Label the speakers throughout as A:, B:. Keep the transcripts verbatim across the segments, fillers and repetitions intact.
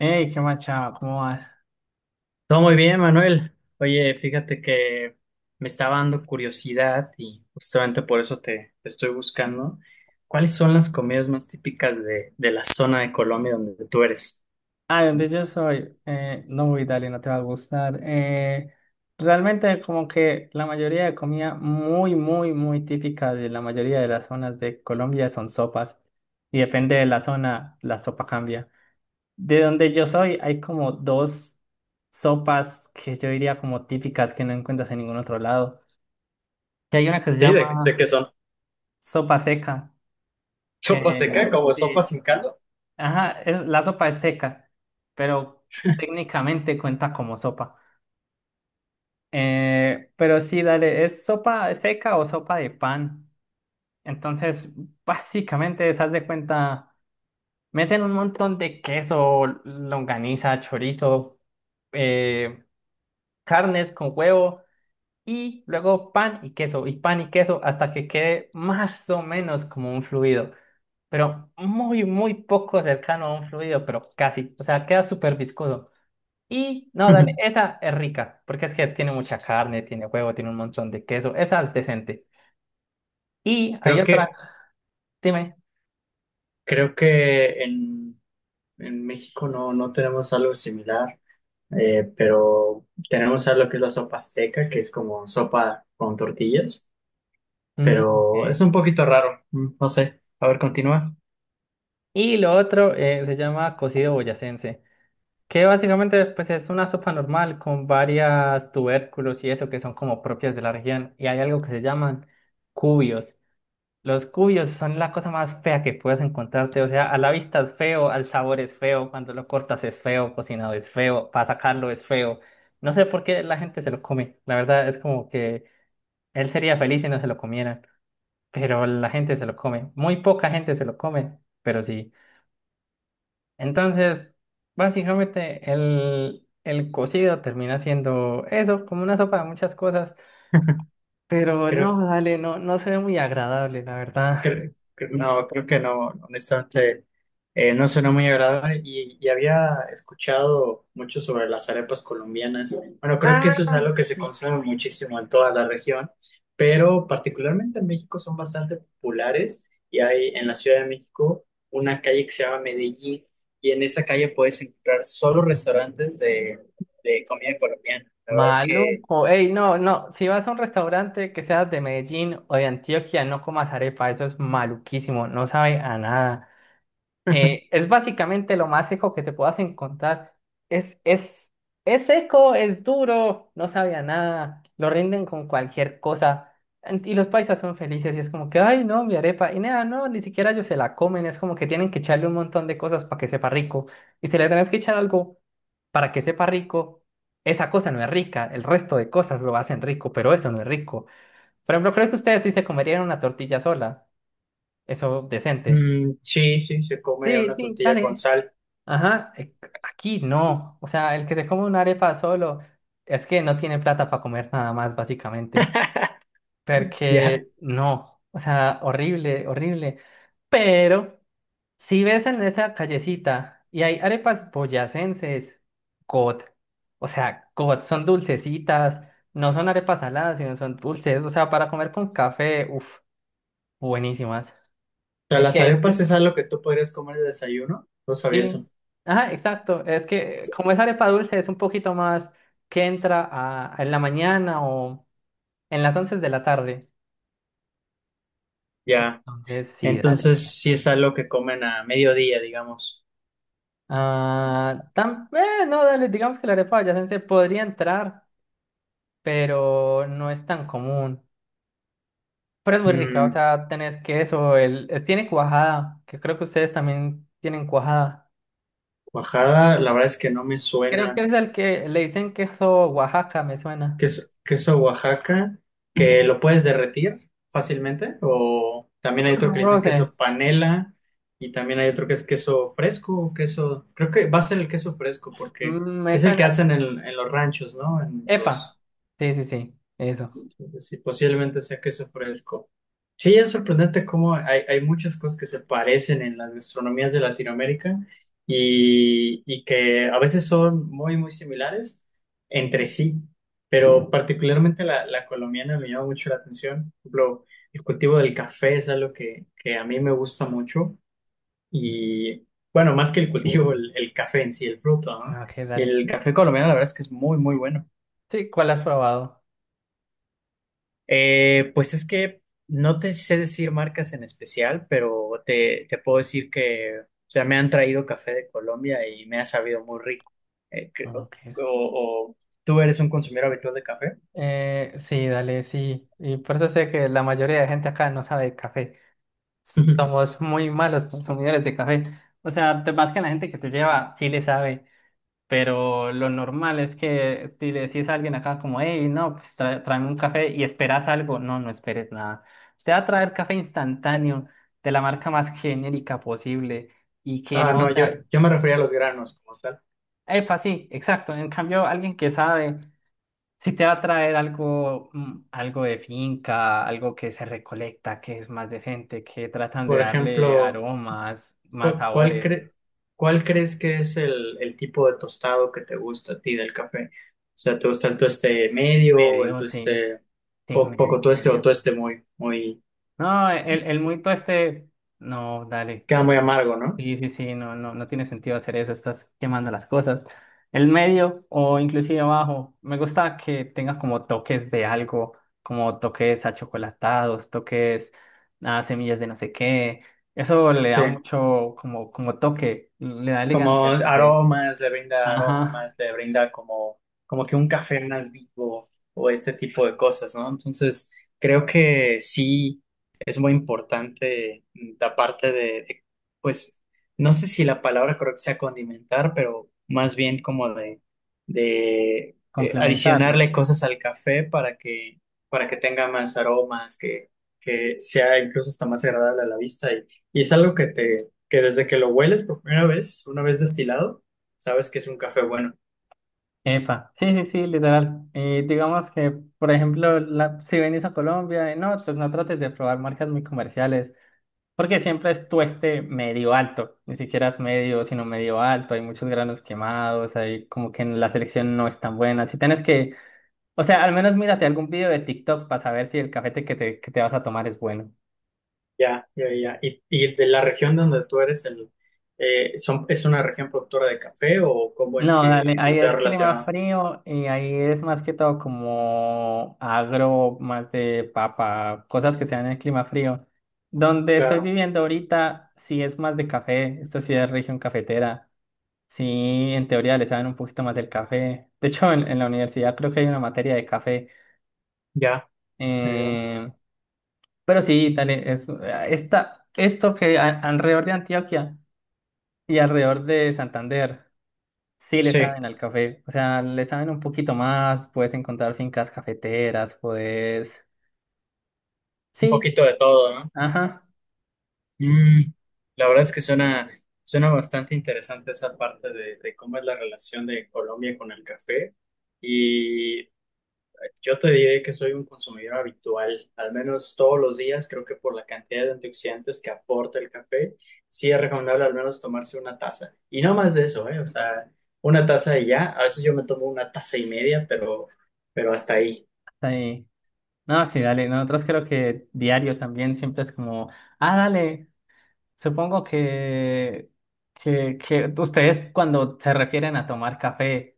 A: Hey, qué machado, ¿cómo vas?
B: Todo muy bien, Manuel. Oye, fíjate que me estaba dando curiosidad y justamente por eso te, te estoy buscando. ¿Cuáles son las comidas más típicas de, de la zona de Colombia donde tú eres?
A: Ah, ¿de dónde yo soy? Eh, no, voy, dale, no te va a gustar. Eh, realmente como que la mayoría de comida muy, muy, muy típica de la mayoría de las zonas de Colombia son sopas. Y depende de la zona, la sopa cambia. De donde yo soy hay como dos sopas que yo diría como típicas que no encuentras en ningún otro lado. Que hay una que se
B: Sí, ¿de, de qué
A: llama
B: son?
A: sopa seca,
B: ¿Sopa seca
A: que...
B: como sopa
A: sí,
B: sin caldo?
A: ajá, es- la sopa es seca, pero técnicamente cuenta como sopa. Eh, pero sí, dale, ¿es sopa seca o sopa de pan? Entonces, básicamente, se haz de cuenta, meten un montón de queso, longaniza, chorizo, eh, carnes con huevo y luego pan y queso, y pan y queso hasta que quede más o menos como un fluido, pero muy, muy poco cercano a un fluido, pero casi, o sea, queda súper viscoso. Y no, dale, esa es rica, porque es que tiene mucha carne, tiene huevo, tiene un montón de queso, esa es decente. Y hay
B: Creo
A: otra,
B: que,
A: dime.
B: creo que en, en México no, no tenemos algo similar, eh, pero tenemos algo que es la sopa azteca, que es como sopa con tortillas.
A: Mm,
B: Pero
A: ok.
B: es un poquito raro, mm, no sé. A ver, continúa.
A: Y lo otro eh, se llama cocido boyacense, que básicamente pues es una sopa normal con varias tubérculos y eso que son como propias de la región. Y hay algo que se llaman cubios. Los cuyos son la cosa más fea que puedes encontrarte. O sea, a la vista es feo, al sabor es feo, cuando lo cortas es feo, cocinado es feo, para sacarlo es feo. No sé por qué la gente se lo come. La verdad es como que él sería feliz si no se lo comieran, pero la gente se lo come. Muy poca gente se lo come, pero sí. Entonces, básicamente el, el cocido termina siendo eso, como una sopa de muchas cosas. Pero
B: Creo
A: no, dale, no, no se ve muy agradable, la verdad.
B: que no, creo que no, honestamente, eh, no suena muy agradable y, y había escuchado mucho sobre las arepas colombianas. Bueno, creo que eso es algo que se consume muchísimo en toda la región, pero particularmente en México son bastante populares y hay en la Ciudad de México una calle que se llama Medellín y en esa calle puedes encontrar solo restaurantes de, de comida colombiana. La verdad es que...
A: Maluco, ey, no, no, si vas a un restaurante que seas de Medellín o de Antioquia, no comas arepa, eso es maluquísimo, no sabe a nada. Eh, es básicamente lo más seco que te puedas encontrar. Es, es, es seco, es duro, no sabe a nada, lo rinden con cualquier cosa. En- Y los paisas son felices y es como que, ay, no, mi arepa. Y nada, no, ni siquiera ellos se la comen, es como que tienen que echarle un montón de cosas para que sepa rico. Y si le tenés que echar algo para que sepa rico, esa cosa no es rica, el resto de cosas lo hacen rico, pero eso no es rico. Por ejemplo, creo que ustedes sí se comerían una tortilla sola, eso decente.
B: Mm, sí, sí, se come
A: Sí,
B: una
A: sí,
B: tortilla con
A: dale.
B: sal.
A: Ajá, eh, aquí no. O sea, el que se come una arepa solo es que no tiene plata para comer nada más, básicamente.
B: Ya.
A: Porque no. O sea, horrible, horrible. Pero si ves en esa callecita y hay arepas boyacenses, God. O sea, God, son dulcecitas. No son arepas saladas, sino son dulces. O sea, para comer con café, uff, buenísimas.
B: O sea,
A: Eh,
B: las
A: ¿qué?
B: arepas es algo que tú podrías comer de desayuno. No sabía eso.
A: Sí, ajá, exacto. Es que como es arepa dulce, es un poquito más que entra a, en la mañana o en las once de la tarde.
B: Ya.
A: Entonces, sí, dale.
B: Entonces, sí
A: Dale.
B: es algo que comen a mediodía, digamos.
A: Ah, tam- eh, no, dale, digamos que la arepa boyacense podría entrar, pero no es tan común. Pero es muy rica, o
B: Mm,
A: sea, tenés queso, el, es- tiene cuajada, que creo que ustedes también tienen cuajada.
B: Oaxaca, la verdad es que no me
A: Creo que
B: suena.
A: es el que le dicen queso Oaxaca, me suena.
B: ¿Queso, queso Oaxaca? ¿Que lo puedes derretir fácilmente? O también hay otro
A: Un
B: que le dicen
A: roce.
B: queso panela. Y también hay otro que es queso fresco, o queso. Creo que va a ser el queso fresco porque
A: Mm, Me
B: es el
A: suena.
B: que hacen en, en los ranchos, ¿no? En
A: Epa.
B: los...
A: Sí, sí, sí. Eso.
B: Entonces, sí, posiblemente sea queso fresco. Sí, es sorprendente cómo hay, hay muchas cosas que se parecen en las gastronomías de Latinoamérica y, y que a veces son muy, muy similares entre sí, pero particularmente la, la colombiana me llama mucho la atención. Por ejemplo, el cultivo del café es algo que, que a mí me gusta mucho y, bueno, más que el cultivo, el, el café en sí, el fruto,
A: Ah,
B: ¿no?
A: ok,
B: Y
A: dale.
B: el café colombiano la verdad es que es muy, muy bueno.
A: Sí, ¿cuál has probado?
B: Eh, pues es que no te sé decir marcas en especial, pero te, te puedo decir que, o sea, me han traído café de Colombia y me ha sabido muy rico. Eh, que-
A: Ah,
B: o,
A: ok.
B: o- ¿Tú eres un consumidor habitual de café?
A: Eh, sí, dale, sí. Y por eso sé que la mayoría de gente acá no sabe de café.
B: Ujú.
A: Somos muy malos consumidores de café. O sea, de- más que la gente que te lleva, sí le sabe. Pero lo normal es que si le decís a alguien acá como, hey, no, pues tra- tráeme un café y esperas algo. No, no esperes nada. Te va a traer café instantáneo de la marca más genérica posible y que
B: Ah,
A: no
B: no, yo,
A: sea...
B: yo me refería a los granos como tal.
A: Epa, sí, exacto. En cambio, alguien que sabe, si te va a traer algo, mm, algo de finca, algo que se recolecta, que es más decente, que tratan de
B: Por
A: darle
B: ejemplo,
A: aromas, más
B: ¿cu- ¿cuál,
A: sabores.
B: cre- cuál crees que es el, el tipo de tostado que te gusta a ti del café? O sea, ¿te gusta el tueste medio, el
A: Medio, sí,
B: tueste
A: sí,
B: po-
A: medio,
B: poco tueste o
A: medio.
B: tueste muy, muy,
A: No, el, el muito este, no, dale.
B: queda muy amargo, ¿no?
A: Sí, sí, sí, no, no, no tiene sentido hacer eso, estás quemando las cosas. El medio o inclusive abajo, me gusta que tenga como toques de algo, como toques achocolatados, toques a semillas de no sé qué. Eso le da
B: Sí,
A: mucho como, como, toque, le da
B: como
A: elegancia al café.
B: aromas, le brinda
A: Ajá,
B: aromas, le brinda como, como que un café más vivo o este tipo de cosas, ¿no? Entonces, creo que sí es muy importante mm, la parte de, de, pues, no sé si la palabra correcta sea condimentar, pero más bien como de, de eh,
A: complementarlo.
B: adicionarle cosas al café para que, para que tenga más aromas, que, que sea incluso hasta más agradable a la vista y, y es algo que te que desde que lo hueles por primera vez, una vez destilado, sabes que es un café bueno.
A: Epa, sí, sí, sí, literal. Y digamos que, por ejemplo, la, si venís a Colombia, eh, no, pues no trates de probar marcas muy comerciales. Porque siempre es tueste medio alto, ni siquiera es medio, sino medio alto, hay muchos granos quemados, hay como que en la selección no es tan buena. Si tienes que, o sea, al menos mírate algún video de TikTok para saber si el cafete que te, que te vas a tomar es bueno.
B: Ya, ya, ya. ¿Y, y de la región donde tú eres, el, eh, son, es una región productora de café o cómo es
A: No, dale,
B: que tú
A: ahí
B: te has
A: es clima
B: relacionado?
A: frío y ahí es más que todo como agro, más de papa, cosas que sean en el clima frío. Donde estoy
B: Claro,
A: viviendo ahorita, sí es más de café, esta sí es región cafetera. Sí, en teoría le saben un poquito más del café. De hecho, en, en la universidad creo que hay una materia de café.
B: ya, ya, ya.
A: Eh, pero sí, dale, es, eh, esta, esto que a- alrededor de Antioquia y alrededor de Santander, sí le
B: Sí,
A: saben al café. O sea, le saben un poquito más, puedes encontrar fincas cafeteras, puedes...
B: un
A: Sí,
B: poquito de todo, ¿no?
A: ajá,
B: Mm, la verdad es que suena, suena bastante interesante esa parte de, de cómo es la relación de Colombia con el café. Y yo te diré que soy un consumidor habitual, al menos todos los días, creo que por la cantidad de antioxidantes que aporta el café, sí es recomendable al menos tomarse una taza. Y no más de eso, ¿eh? O sea, una taza y ya. A veces yo me tomo una taza y media, pero, pero hasta ahí.
A: hasta ahí. No, sí, dale, nosotros creo que diario también siempre es como, ah, dale. Supongo que, que, que ustedes cuando se refieren a tomar café,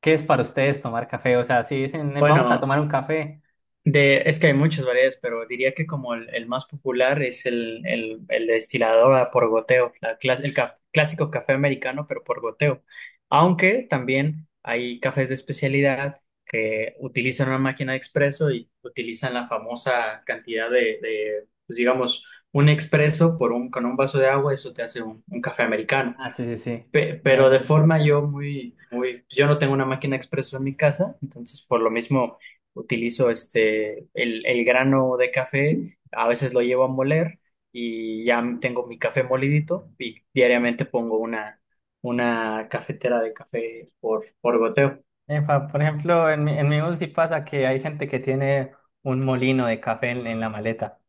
A: ¿qué es para ustedes tomar café? O sea, si dicen, "Eh, vamos a
B: Bueno,
A: tomar un café".
B: de, es que hay muchas variedades, pero diría que como el, el más popular es el, el, el destilador a por goteo, la clas- el ca- clásico café americano, pero por goteo. Aunque también hay cafés de especialidad que utilizan una máquina de expreso y utilizan la famosa cantidad de, de, pues digamos, un expreso por un, con un vaso de agua, eso te hace un, un café americano.
A: Ah, sí, sí, sí.
B: Pe-
A: La de
B: pero
A: la
B: de forma
A: cafetería.
B: yo muy, muy, pues yo no tengo una máquina expreso en mi casa, entonces por lo mismo utilizo este, el, el grano de café, a veces lo llevo a moler y ya tengo mi café molidito y diariamente pongo una, una cafetera de café por, por goteo.
A: Epa, por ejemplo, en, mi- en mi bus sí pasa que hay gente que tiene un molino de café en, en la maleta.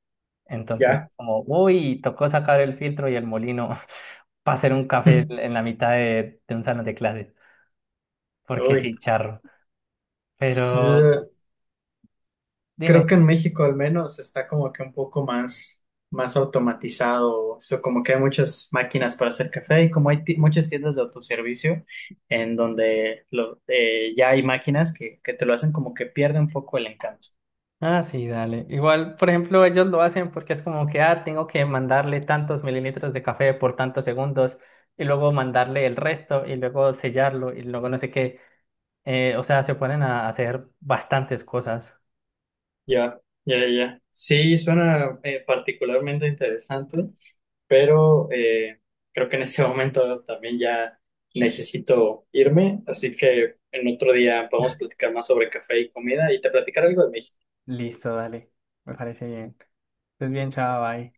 A: Entonces,
B: Ya.
A: como, uy, tocó sacar el filtro y el molino para hacer un café en la mitad de, de un salón de clases. Porque
B: Uy.
A: sí, charro. Pero
B: Creo
A: dime.
B: que en México al menos está como que un poco más, más automatizado, o sea, como que hay muchas máquinas para hacer café y como hay ti- muchas tiendas de autoservicio en donde lo- eh, ya hay máquinas que, que te lo hacen como que pierde un poco el encanto.
A: Ah, sí, dale. Igual, por ejemplo, ellos lo hacen porque es como que, ah, tengo que mandarle tantos mililitros de café por tantos segundos y luego mandarle el resto y luego sellarlo y luego no sé qué. Eh, o sea, se ponen a hacer bastantes cosas.
B: Ya, ya, ya. Sí, suena eh, particularmente interesante, pero eh, creo que en este momento también ya necesito irme, así que en otro día podemos platicar más sobre café y comida y te platicaré algo de México.
A: Listo, dale. Me parece bien. Estés bien, chao, bye.